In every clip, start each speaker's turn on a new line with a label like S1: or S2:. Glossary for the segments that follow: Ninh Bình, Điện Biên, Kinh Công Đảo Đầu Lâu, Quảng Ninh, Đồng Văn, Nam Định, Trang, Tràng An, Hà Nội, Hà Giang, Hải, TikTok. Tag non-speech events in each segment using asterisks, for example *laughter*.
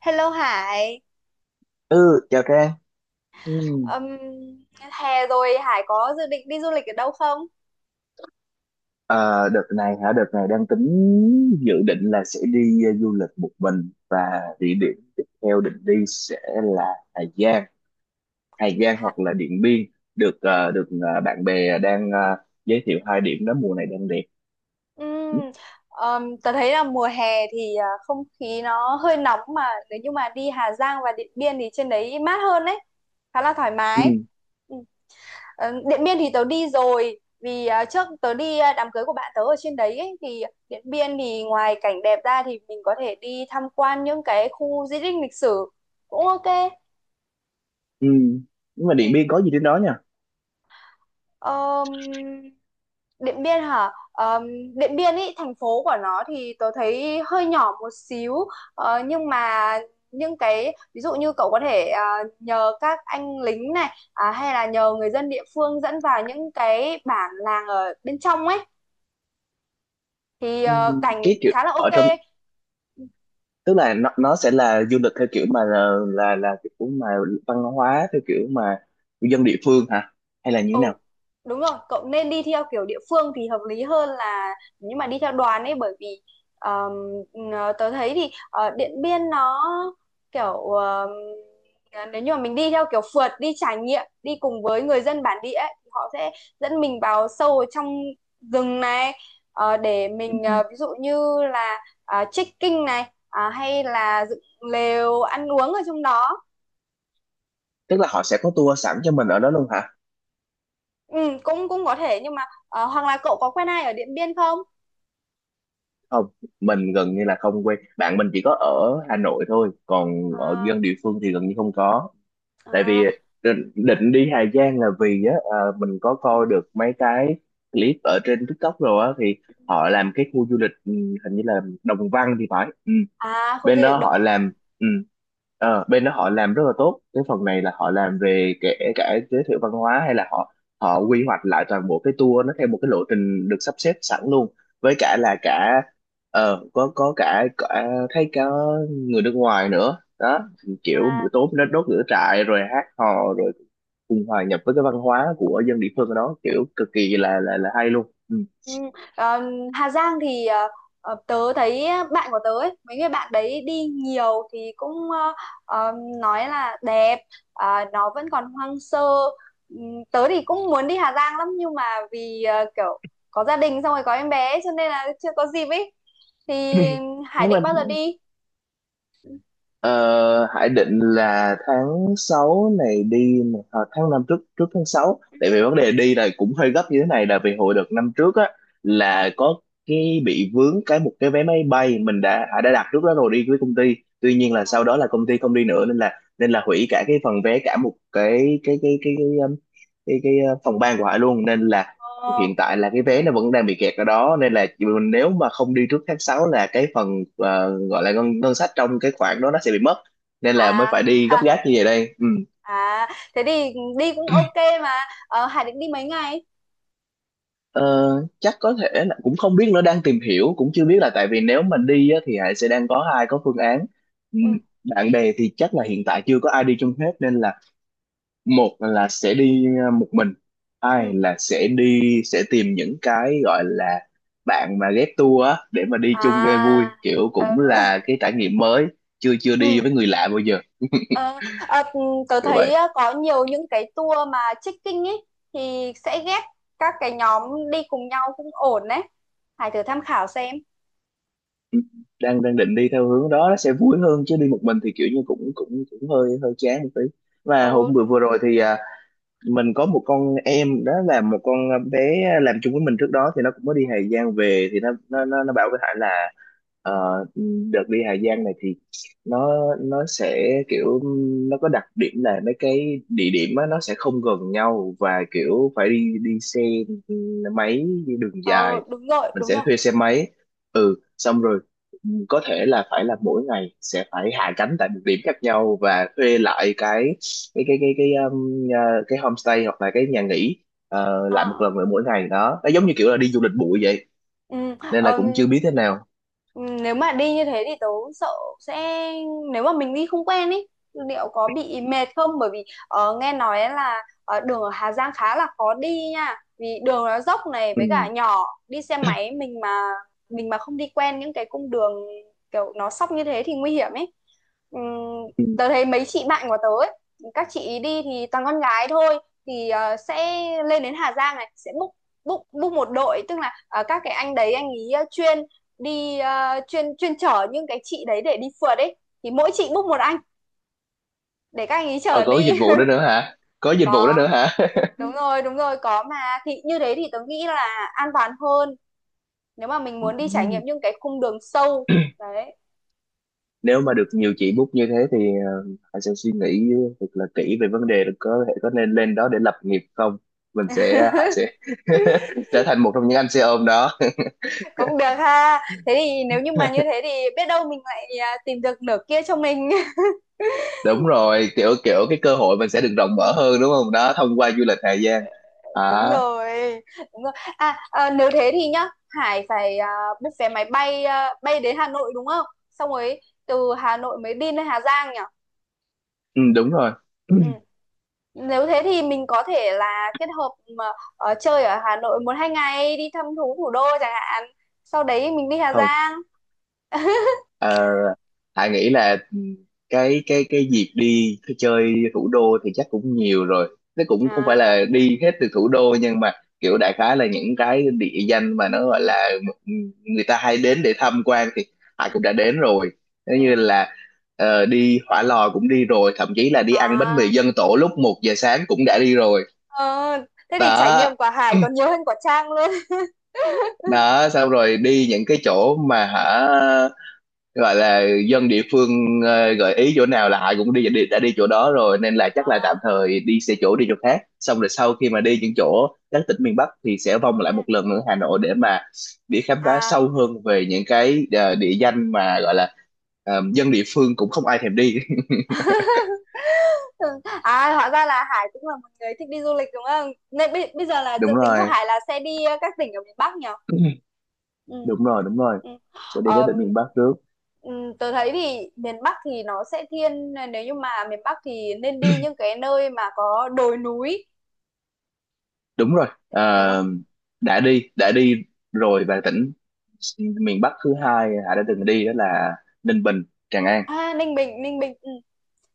S1: Hello Hải.
S2: Ừ, chào Trang. Ừ.
S1: Ừm, Hè rồi Hải có dự định đi du lịch ở đâu không?
S2: Ờ, Đợt này hả? Đợt này đang tính dự định là sẽ đi du lịch một mình, và địa điểm tiếp theo định đi sẽ là Hà Giang, Hà Giang
S1: Hả?
S2: hoặc là Điện Biên. Được, bạn bè đang giới thiệu hai điểm đó mùa này đang đẹp. Ừ,
S1: Ừm, Tớ thấy là mùa hè thì không khí nó hơi nóng mà nếu như mà đi Hà Giang và Điện Biên thì trên đấy mát hơn đấy, khá là thoải
S2: ừ.
S1: mái. Ừm, Điện Biên thì tớ đi rồi, vì trước tớ đi đám cưới của bạn tớ ở trên đấy ấy, thì Điện Biên thì ngoài cảnh đẹp ra thì mình có thể đi tham quan những cái khu di tích lịch sử cũng ok.
S2: Ừ. Nhưng mà Điện Biên có gì trên đó nha?
S1: Ờm, Điện Biên hả? Điện Biên ý, thành phố của nó thì tôi thấy hơi nhỏ một xíu. Nhưng mà những cái ví dụ như cậu có thể nhờ các anh lính này hay là nhờ người dân địa phương dẫn vào những cái bản làng ở bên trong ấy thì
S2: Ừ,
S1: cảnh
S2: cái kiểu
S1: khá là ok.
S2: ở trong, tức là nó sẽ là du lịch theo kiểu mà là kiểu mà văn hóa theo kiểu mà dân địa phương hả? Hay là như thế
S1: Ừ,
S2: nào?
S1: đúng rồi, cậu nên đi theo kiểu địa phương thì hợp lý hơn là nhưng mà đi theo đoàn ấy, bởi vì ờm, tớ thấy thì Điện Biên nó kiểu nếu như mà mình đi theo kiểu phượt đi trải nghiệm đi cùng với người dân bản địa ấy, thì họ sẽ dẫn mình vào sâu ở trong rừng này, để mình ví dụ như là trekking này hay là dựng lều ăn uống ở trong đó.
S2: Tức là họ sẽ có tour sẵn cho mình ở đó luôn hả?
S1: Ừ, cũng cũng có thể nhưng mà hoặc là cậu có quen ai ở Điện Biên không?
S2: Không, mình gần như là không quen, bạn mình chỉ có ở Hà Nội thôi, còn ở
S1: À,
S2: dân địa phương thì gần như không có. Tại vì
S1: à,
S2: định đi Hà Giang là vì á, mình có coi được mấy cái clip ở trên TikTok rồi á, thì họ làm cái khu du lịch, hình như là Đồng Văn thì phải. Ừ.
S1: à khu
S2: bên
S1: du
S2: đó
S1: lịch Đồng
S2: họ làm ừ, Bên đó họ làm rất là tốt cái phần này, là họ làm về kể cả giới thiệu văn hóa, hay là họ họ quy hoạch lại toàn bộ cái tour nó theo một cái lộ trình được sắp xếp sẵn luôn, với cả
S1: Văn.
S2: là cả có, có cả thấy cả người nước ngoài nữa đó, kiểu buổi
S1: à,
S2: tối nó đốt lửa trại rồi hát hò rồi cùng hòa nhập với cái văn hóa của dân địa phương ở đó, kiểu cực kỳ là hay luôn. Ừ.
S1: ừ.
S2: *coughs*
S1: Ờ, Hà Giang thì tớ thấy bạn của tớ ấy, mấy người bạn đấy đi nhiều thì cũng ờ, nói là đẹp. Nó vẫn còn hoang sơ. Tớ thì cũng muốn đi Hà Giang lắm nhưng mà vì kiểu có gia đình xong rồi có em bé ấy, cho nên là chưa có dịp ấy, thì
S2: *clears throat*
S1: Hải
S2: Nhưng
S1: định
S2: mà
S1: bao giờ đi?
S2: Ờ, Hải định là tháng 6 này đi nè, tháng 5, trước trước tháng 6, tại vì vấn đề đi là cũng hơi gấp như thế này là vì hồi đợt năm trước á là có cái bị vướng cái, một cái vé máy bay mình đã Hải đã đặt trước đó rồi đi với công ty, tuy nhiên là sau
S1: à,
S2: đó là công ty không đi nữa, nên là hủy cả cái phần vé, cả một cái, phòng ban của Hải luôn, nên là
S1: ờ,
S2: hiện tại là cái vé nó vẫn đang bị kẹt ở đó, nên là nếu mà không đi trước tháng 6 là cái phần gọi là ngân sách trong cái khoản đó nó sẽ bị mất, nên là mới
S1: à,
S2: phải đi gấp
S1: *laughs*
S2: gáp như vậy đây. Ừ.
S1: à thế thì đi cũng ok mà. Hải định đi mấy ngày?
S2: Ờ, Chắc có thể là cũng không biết nữa, đang tìm hiểu, cũng chưa biết. Là tại vì nếu mà đi á, thì Hải sẽ đang có hai có phương án. Ừ,
S1: Ừ,
S2: bạn bè thì chắc là hiện tại chưa có ai đi chung hết, nên là một là sẽ đi một mình,
S1: ừ,
S2: hai là sẽ đi sẽ tìm những cái gọi là bạn mà ghép tour á để mà đi chung cho vui,
S1: à,
S2: kiểu
S1: ờ,
S2: cũng là cái trải nghiệm mới, chưa chưa đi
S1: ừ,
S2: với người lạ bao giờ,
S1: ờ, ờ, ừ, tớ
S2: kiểu
S1: thấy
S2: vậy.
S1: có nhiều những cái tour mà trekking ấy thì sẽ ghép các cái nhóm đi cùng nhau cũng ổn đấy. Hải thử tham khảo xem.
S2: Ừ, đang đang định đi theo hướng đó, nó sẽ vui hơn, chứ đi một mình thì kiểu như cũng cũng cũng hơi hơi chán một tí. Và
S1: Ừ,
S2: hôm vừa
S1: đúng
S2: vừa
S1: rồi.
S2: rồi thì mình có một con em, đó là một con bé làm chung với mình trước đó, thì nó cũng mới đi Hà Giang về, thì nó
S1: Ừ.
S2: nó nó, nó bảo với Hải là ờ, đợt đi Hà Giang này thì nó nó sẽ kiểu, nó có đặc điểm là mấy cái địa điểm á, nó sẽ không gần nhau, và kiểu phải đi đi xe máy đi đường dài,
S1: ờ, Đúng rồi,
S2: mình
S1: đúng
S2: sẽ
S1: rồi.
S2: thuê xe máy, xong rồi, ừ, có thể là phải là mỗi ngày sẽ phải hạ cánh tại một điểm khác nhau và thuê lại cái cái homestay hoặc là cái nhà nghỉ lại một
S1: Ờ,
S2: lần nữa mỗi ngày đó, nó giống như kiểu là
S1: ừ.
S2: đi du lịch bụi vậy,
S1: Ừ.
S2: nên là
S1: ờm,
S2: cũng chưa biết thế nào.
S1: Nếu mà đi như thế thì tớ sợ sẽ, nếu mà mình đi không quen ý liệu có bị mệt không, bởi vì nghe nói là đường ở Hà Giang khá là khó đi nha, vì đường nó dốc này với cả
S2: Ừ.
S1: nhỏ, đi xe máy mình mà không đi quen những cái cung đường kiểu nó sóc như thế thì nguy hiểm ấy. Ừm,
S2: Ừ.
S1: Tớ thấy mấy chị bạn của tớ ấy, các chị đi thì toàn con gái thôi, thì sẽ lên đến Hà Giang này sẽ book book book một đội, tức là các cái anh đấy anh ý chuyên đi chuyên chuyên chở những cái chị đấy để đi phượt ấy, thì mỗi chị book một anh để các anh ý
S2: ờ
S1: chở
S2: có cái
S1: đi.
S2: dịch vụ đó nữa hả? Có
S1: *laughs*
S2: dịch vụ đó nữa
S1: Có.
S2: hả?
S1: Đúng rồi, đúng rồi, có mà, thì như thế thì tớ nghĩ là an toàn hơn nếu mà mình muốn đi trải nghiệm
S2: *laughs*
S1: những cái cung đường sâu đấy.
S2: Nếu mà được nhiều chị book như thế thì Hải sẽ suy nghĩ thật là kỹ về vấn đề là có thể có nên lên đó để lập nghiệp không. Mình sẽ Hải sẽ *laughs* trở thành một trong những anh xe ôm đó.
S1: Cũng được ha, thế thì nếu như mà như thế thì biết đâu mình lại tìm được nửa kia cho mình. *laughs*
S2: *laughs* Đúng rồi, kiểu kiểu cái cơ hội mình sẽ được rộng mở hơn, đúng không, đó, thông qua du lịch Hà Giang. À.
S1: Đúng rồi, đúng rồi. Nếu thế thì nhá, Hải phải book vé máy bay, bay đến Hà Nội đúng không, xong rồi từ Hà Nội mới đi lên Hà Giang nhỉ?
S2: Ừ, đúng rồi.
S1: Ừ.
S2: *clears throat*
S1: Nếu thế thì mình có thể là kết hợp mà chơi ở Hà Nội một hai ngày đi thăm thú thủ đô chẳng hạn, sau đấy mình đi Hà
S2: Không,
S1: Giang. *laughs*
S2: ờ, Hải nghĩ là cái dịp đi chơi thủ đô thì chắc cũng nhiều rồi, nó cũng không phải
S1: À.
S2: là đi hết từ thủ đô, nhưng mà kiểu đại khái là những cái địa danh mà nó gọi là người ta hay đến để tham quan thì Hải
S1: Ừ,
S2: cũng đã đến rồi. Nếu như
S1: ừ.
S2: là đi Hỏa Lò cũng đi rồi, thậm chí là đi ăn bánh
S1: À.
S2: mì dân tổ lúc 1 giờ sáng cũng đã đi rồi.
S1: ờ, Thế thì trải
S2: Đó.
S1: nghiệm của Hải còn nhiều hơn của Trang luôn.
S2: *clears throat* Đó, xong rồi đi những cái chỗ mà hả, gọi là dân địa phương gợi ý chỗ nào là họ cũng đi, đã đi chỗ đó rồi, nên là chắc là tạm thời đi xe chỗ, đi chỗ khác, xong rồi sau khi mà đi những chỗ các tỉnh miền Bắc thì sẽ vòng
S1: *laughs*
S2: lại
S1: Ừ.
S2: một lần nữa Hà Nội để mà đi khám phá
S1: À.
S2: sâu hơn về những cái địa danh mà gọi là dân địa phương cũng không ai thèm đi.
S1: *laughs* Ừ. À hóa ra là Hải cũng là một người thích đi du lịch đúng không? Nên bây giờ
S2: *laughs*
S1: là dự
S2: Đúng
S1: tính của
S2: rồi.
S1: Hải là sẽ đi các tỉnh ở miền Bắc nhỉ?
S2: *clears throat*
S1: Ừ.
S2: Đúng rồi, đúng rồi,
S1: Ừ.
S2: sẽ đi các
S1: Ờm,
S2: tỉnh miền Bắc trước.
S1: Tớ thấy thì miền Bắc thì nó sẽ thiên, nếu như mà miền Bắc thì nên đi những cái nơi mà có đồi núi
S2: Đúng rồi,
S1: đúng không?
S2: đã đi rồi, và tỉnh miền Bắc thứ hai Hà đã từng đi đó là Ninh Bình, Tràng An.
S1: À Ninh Bình, Ninh Bình, ừ.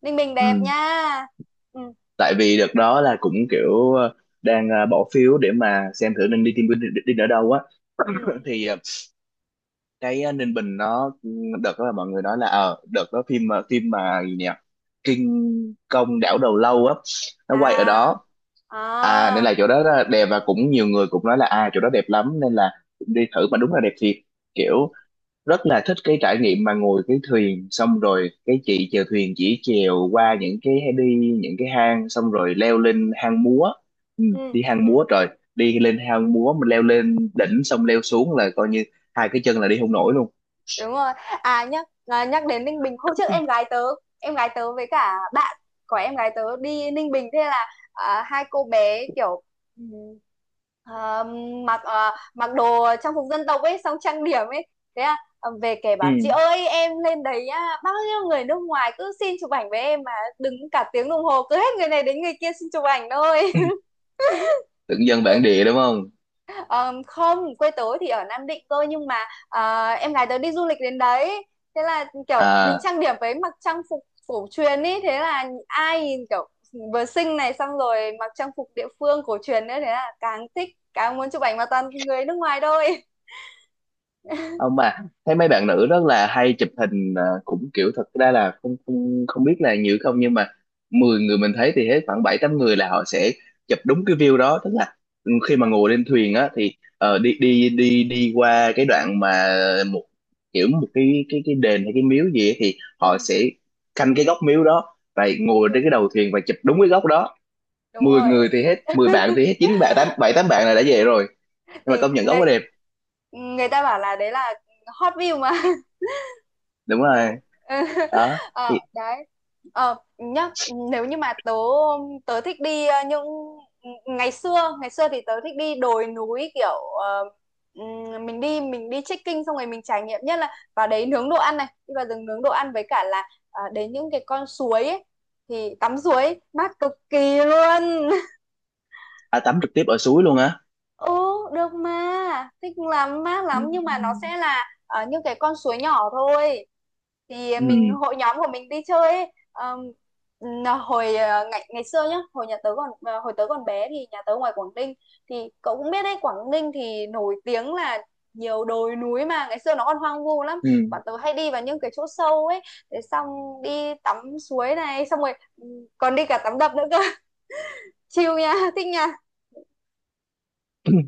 S1: Ninh Bình
S2: Ừ.
S1: đẹp nha. Ừ.
S2: Tại vì đợt đó là cũng kiểu đang bỏ phiếu để mà xem thử nên đi team building đi, đi ở đâu á.
S1: Ừ.
S2: *laughs*
S1: Ừ.
S2: Thì cái Ninh Bình nó, đợt đó là mọi người nói là đợt đó phim, phim mà gì nhỉ, Kinh Công Đảo Đầu Lâu á, nó quay ở
S1: À.
S2: đó. Nên
S1: À.
S2: là chỗ đó là đẹp, và cũng nhiều người cũng nói là, à, chỗ đó đẹp lắm, nên là cũng đi thử, mà đúng là đẹp thiệt,
S1: Ừ.
S2: kiểu rất là thích cái trải nghiệm mà ngồi cái thuyền, xong rồi cái chị chèo thuyền chỉ chèo qua những cái, đi những cái hang xong rồi leo lên hang múa.
S1: Ừ.
S2: Đi hang
S1: Ừ.
S2: múa rồi, đi lên hang múa, mình leo lên đỉnh xong leo xuống là coi như hai cái chân là đi không nổi luôn.
S1: Đúng rồi. Nhắc nhắc đến Ninh Bình, hôm trước em gái tớ, với cả bạn của em gái tớ đi Ninh Bình, thế là hai cô bé kiểu ừm, à, mặc đồ trang phục dân tộc ấy xong trang điểm ấy, thế là về kể bảo chị
S2: Ừ.
S1: ơi em lên đấy á, bao nhiêu người nước ngoài cứ xin chụp ảnh với em mà đứng cả tiếng đồng hồ, cứ hết người này đến người kia xin chụp ảnh thôi.
S2: Tưởng dân bản địa đúng không.
S1: Ờ, Không, quê tớ thì ở Nam Định cơ, nhưng mà em gái tớ đi du lịch đến đấy. Thế là kiểu mình
S2: à
S1: trang điểm với mặc trang phục cổ truyền ý, thế là ai nhìn kiểu vừa xinh này xong rồi mặc trang phục địa phương cổ truyền nữa, thế là càng thích, càng muốn chụp ảnh mà toàn người nước ngoài thôi.
S2: Không, mà thấy mấy bạn nữ rất là hay chụp hình, cũng kiểu thật ra là không, không không biết là nhiều không, nhưng mà 10 người mình thấy thì hết khoảng bảy tám người là họ sẽ chụp đúng cái view đó, tức là khi mà
S1: Ờ.
S2: ngồi lên thuyền á thì đi đi đi đi qua cái đoạn mà một kiểu một cái đền hay cái miếu gì ấy, thì họ
S1: Ừ.
S2: sẽ canh cái góc miếu đó và ngồi
S1: Ừ,
S2: trên cái đầu thuyền và chụp đúng cái góc đó.
S1: đúng
S2: mười
S1: rồi.
S2: người thì hết 10 bạn, thì hết chín bạn, tám, bảy tám bạn là đã về rồi, nhưng mà
S1: Thì
S2: công nhận góc quá
S1: người
S2: đẹp.
S1: người ta bảo là đấy là hot view mà.
S2: Đúng rồi.
S1: Ừ. *laughs*
S2: Đó.
S1: ờ Đấy, nhá, nếu như mà tớ tớ thích đi những ngày xưa, ngày xưa thì tớ thích đi đồi núi kiểu mình đi trekking xong rồi mình trải nghiệm, nhất là vào đấy nướng đồ ăn này, đi vào rừng nướng đồ ăn với cả là đến những cái con suối ấy thì tắm suối mát cực kỳ luôn.
S2: À tắm trực tiếp ở suối luôn á.
S1: Ừ, được mà, thích lắm, mát lắm, nhưng mà nó sẽ là những cái con suối nhỏ thôi. Thì
S2: Ừ.
S1: mình hội nhóm của mình đi chơi ấy. Là hồi ngày ngày xưa nhá, hồi nhà tớ còn hồi tớ còn bé thì nhà tớ ngoài Quảng Ninh, thì cậu cũng biết đấy, Quảng Ninh thì nổi tiếng là nhiều đồi núi mà ngày xưa nó còn hoang vu lắm.
S2: Ừ.
S1: Bọn tớ hay đi vào những cái chỗ sâu ấy, để xong đi tắm suối này, xong rồi còn đi cả tắm đập nữa cơ. *laughs* Chill nha, thích nha.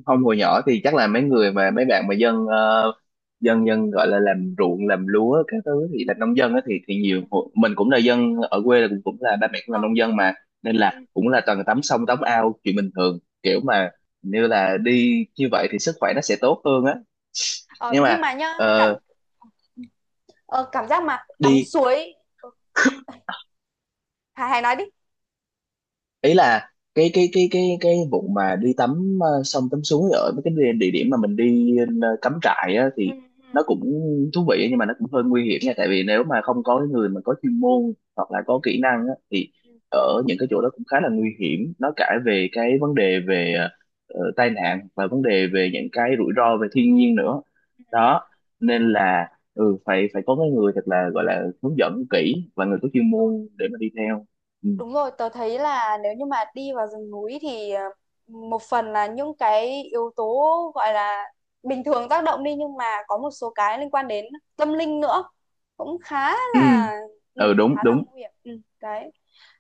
S2: Không, hồi nhỏ thì chắc là mấy bạn mà dân dân dân gọi là làm ruộng làm lúa các thứ thì là nông dân á, thì nhiều.
S1: Ừ.
S2: Mình cũng là dân ở quê, là cũng cũng là ba mẹ cũng là
S1: Ờ,
S2: nông dân mà,
S1: ừ,
S2: nên
S1: ừ.
S2: là cũng là toàn tắm sông tắm ao chuyện bình thường, kiểu
S1: Ừ.
S2: mà như là đi như vậy thì sức khỏe nó sẽ tốt hơn á,
S1: Ờ,
S2: nhưng mà
S1: nhưng mà nhá,
S2: ờ,
S1: cảm giác mà tắm
S2: đi
S1: suối. Ờ, Hải Hải nói đi.
S2: ý là cái vụ mà đi tắm sông tắm suối ở mấy cái địa địa điểm mà mình đi cắm trại á,
S1: Ừ,
S2: thì nó
S1: ừ,
S2: cũng thú vị, nhưng mà nó cũng hơi nguy hiểm nha, tại vì nếu mà không
S1: đúng
S2: có
S1: rồi.
S2: người mà có chuyên môn hoặc là có
S1: Ừ,
S2: kỹ năng á, thì
S1: ừ,
S2: ở những cái chỗ đó cũng khá là nguy hiểm, nó cả về cái vấn đề về tai nạn và vấn đề về những cái rủi ro về thiên nhiên nữa.
S1: ừ,
S2: Đó,
S1: ừ,
S2: nên là phải phải có cái người thật là gọi là hướng dẫn kỹ và người có chuyên
S1: đúng rồi.
S2: môn để mà đi theo. Ừ.
S1: Đúng rồi, tớ thấy là nếu như mà đi vào rừng núi thì một phần là những cái yếu tố gọi là bình thường tác động đi, nhưng mà có một số cái liên quan đến tâm linh nữa cũng khá
S2: Ừ.
S1: là, ừ,
S2: Ừ, đúng
S1: khá là
S2: đúng.
S1: nguy hiểm. Ừ, Đấy.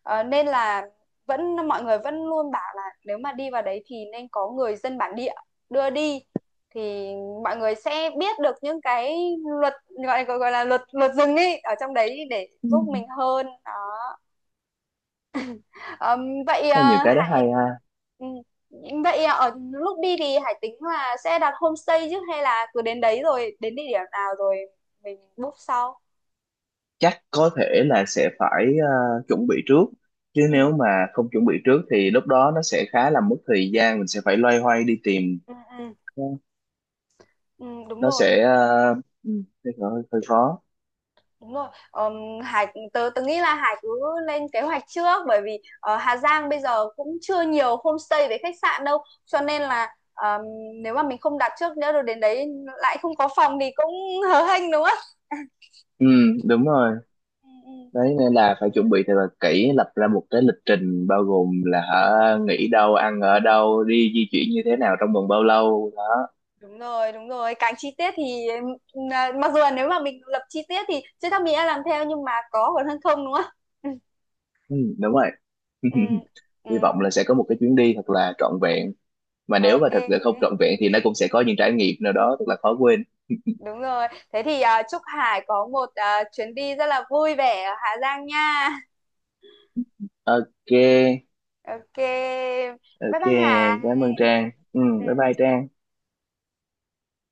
S1: Nên là mọi người vẫn luôn bảo là nếu mà đi vào đấy thì nên có người dân bản địa đưa đi, thì mọi người sẽ biết được những cái luật gọi gọi gọi là luật luật rừng ấy ở trong đấy để
S2: Ừ.
S1: giúp mình hơn. Đó. Ờ, Vậy
S2: Có nhiều cái đó
S1: Hải,
S2: hay ha.
S1: ừ, vậy ở lúc đi thì Hải tính là sẽ đặt homestay chứ, hay là cứ đến đấy rồi đến địa điểm nào rồi mình book sau?
S2: Chắc có thể là sẽ phải chuẩn bị trước, chứ
S1: Ừ,
S2: nếu mà không chuẩn bị trước thì lúc đó nó sẽ khá là mất thời gian, mình sẽ phải loay hoay đi tìm.
S1: ừ, ừ,
S2: Ờ,
S1: ừ, đúng
S2: nó
S1: rồi,
S2: sẽ Ừ. hơi, hơi hơi khó.
S1: đúng rồi. Hải tớ tớ nghĩ là Hải cứ lên kế hoạch trước, bởi vì ở Hà Giang bây giờ cũng chưa nhiều homestay với khách sạn đâu, cho nên là nếu mà mình không đặt trước nữa rồi đến đấy lại không có phòng thì cũng hớ hênh đúng không?
S2: Ừ đúng rồi,
S1: Ừ, ừ.
S2: đấy, nên là phải chuẩn bị thật là kỹ, lập ra một cái lịch trình bao gồm là hả, nghỉ đâu, ăn ở đâu, đi di chuyển như thế nào, trong vòng bao lâu đó.
S1: Đúng rồi, đúng rồi. Càng chi tiết thì mặc dù là nếu mà mình lập chi tiết thì chưa chắc mình đã làm theo, nhưng mà có còn hơn không đúng không? *laughs*
S2: Ừ, đúng rồi.
S1: Ừ,
S2: *laughs*
S1: ừ,
S2: Hy vọng là sẽ có một cái chuyến đi thật là trọn vẹn, mà nếu mà
S1: ok.
S2: thật sự không trọn vẹn thì nó cũng sẽ có những trải nghiệm nào đó rất là khó quên.
S1: Đúng rồi. Thế thì chúc Hải có một chuyến đi rất là vui vẻ ở Hà Giang nha.
S2: OK.
S1: Ok. Bye
S2: OK,
S1: bye
S2: cảm ơn
S1: Hải.
S2: Trang. Ừ,
S1: Ừ.
S2: bye bye Trang.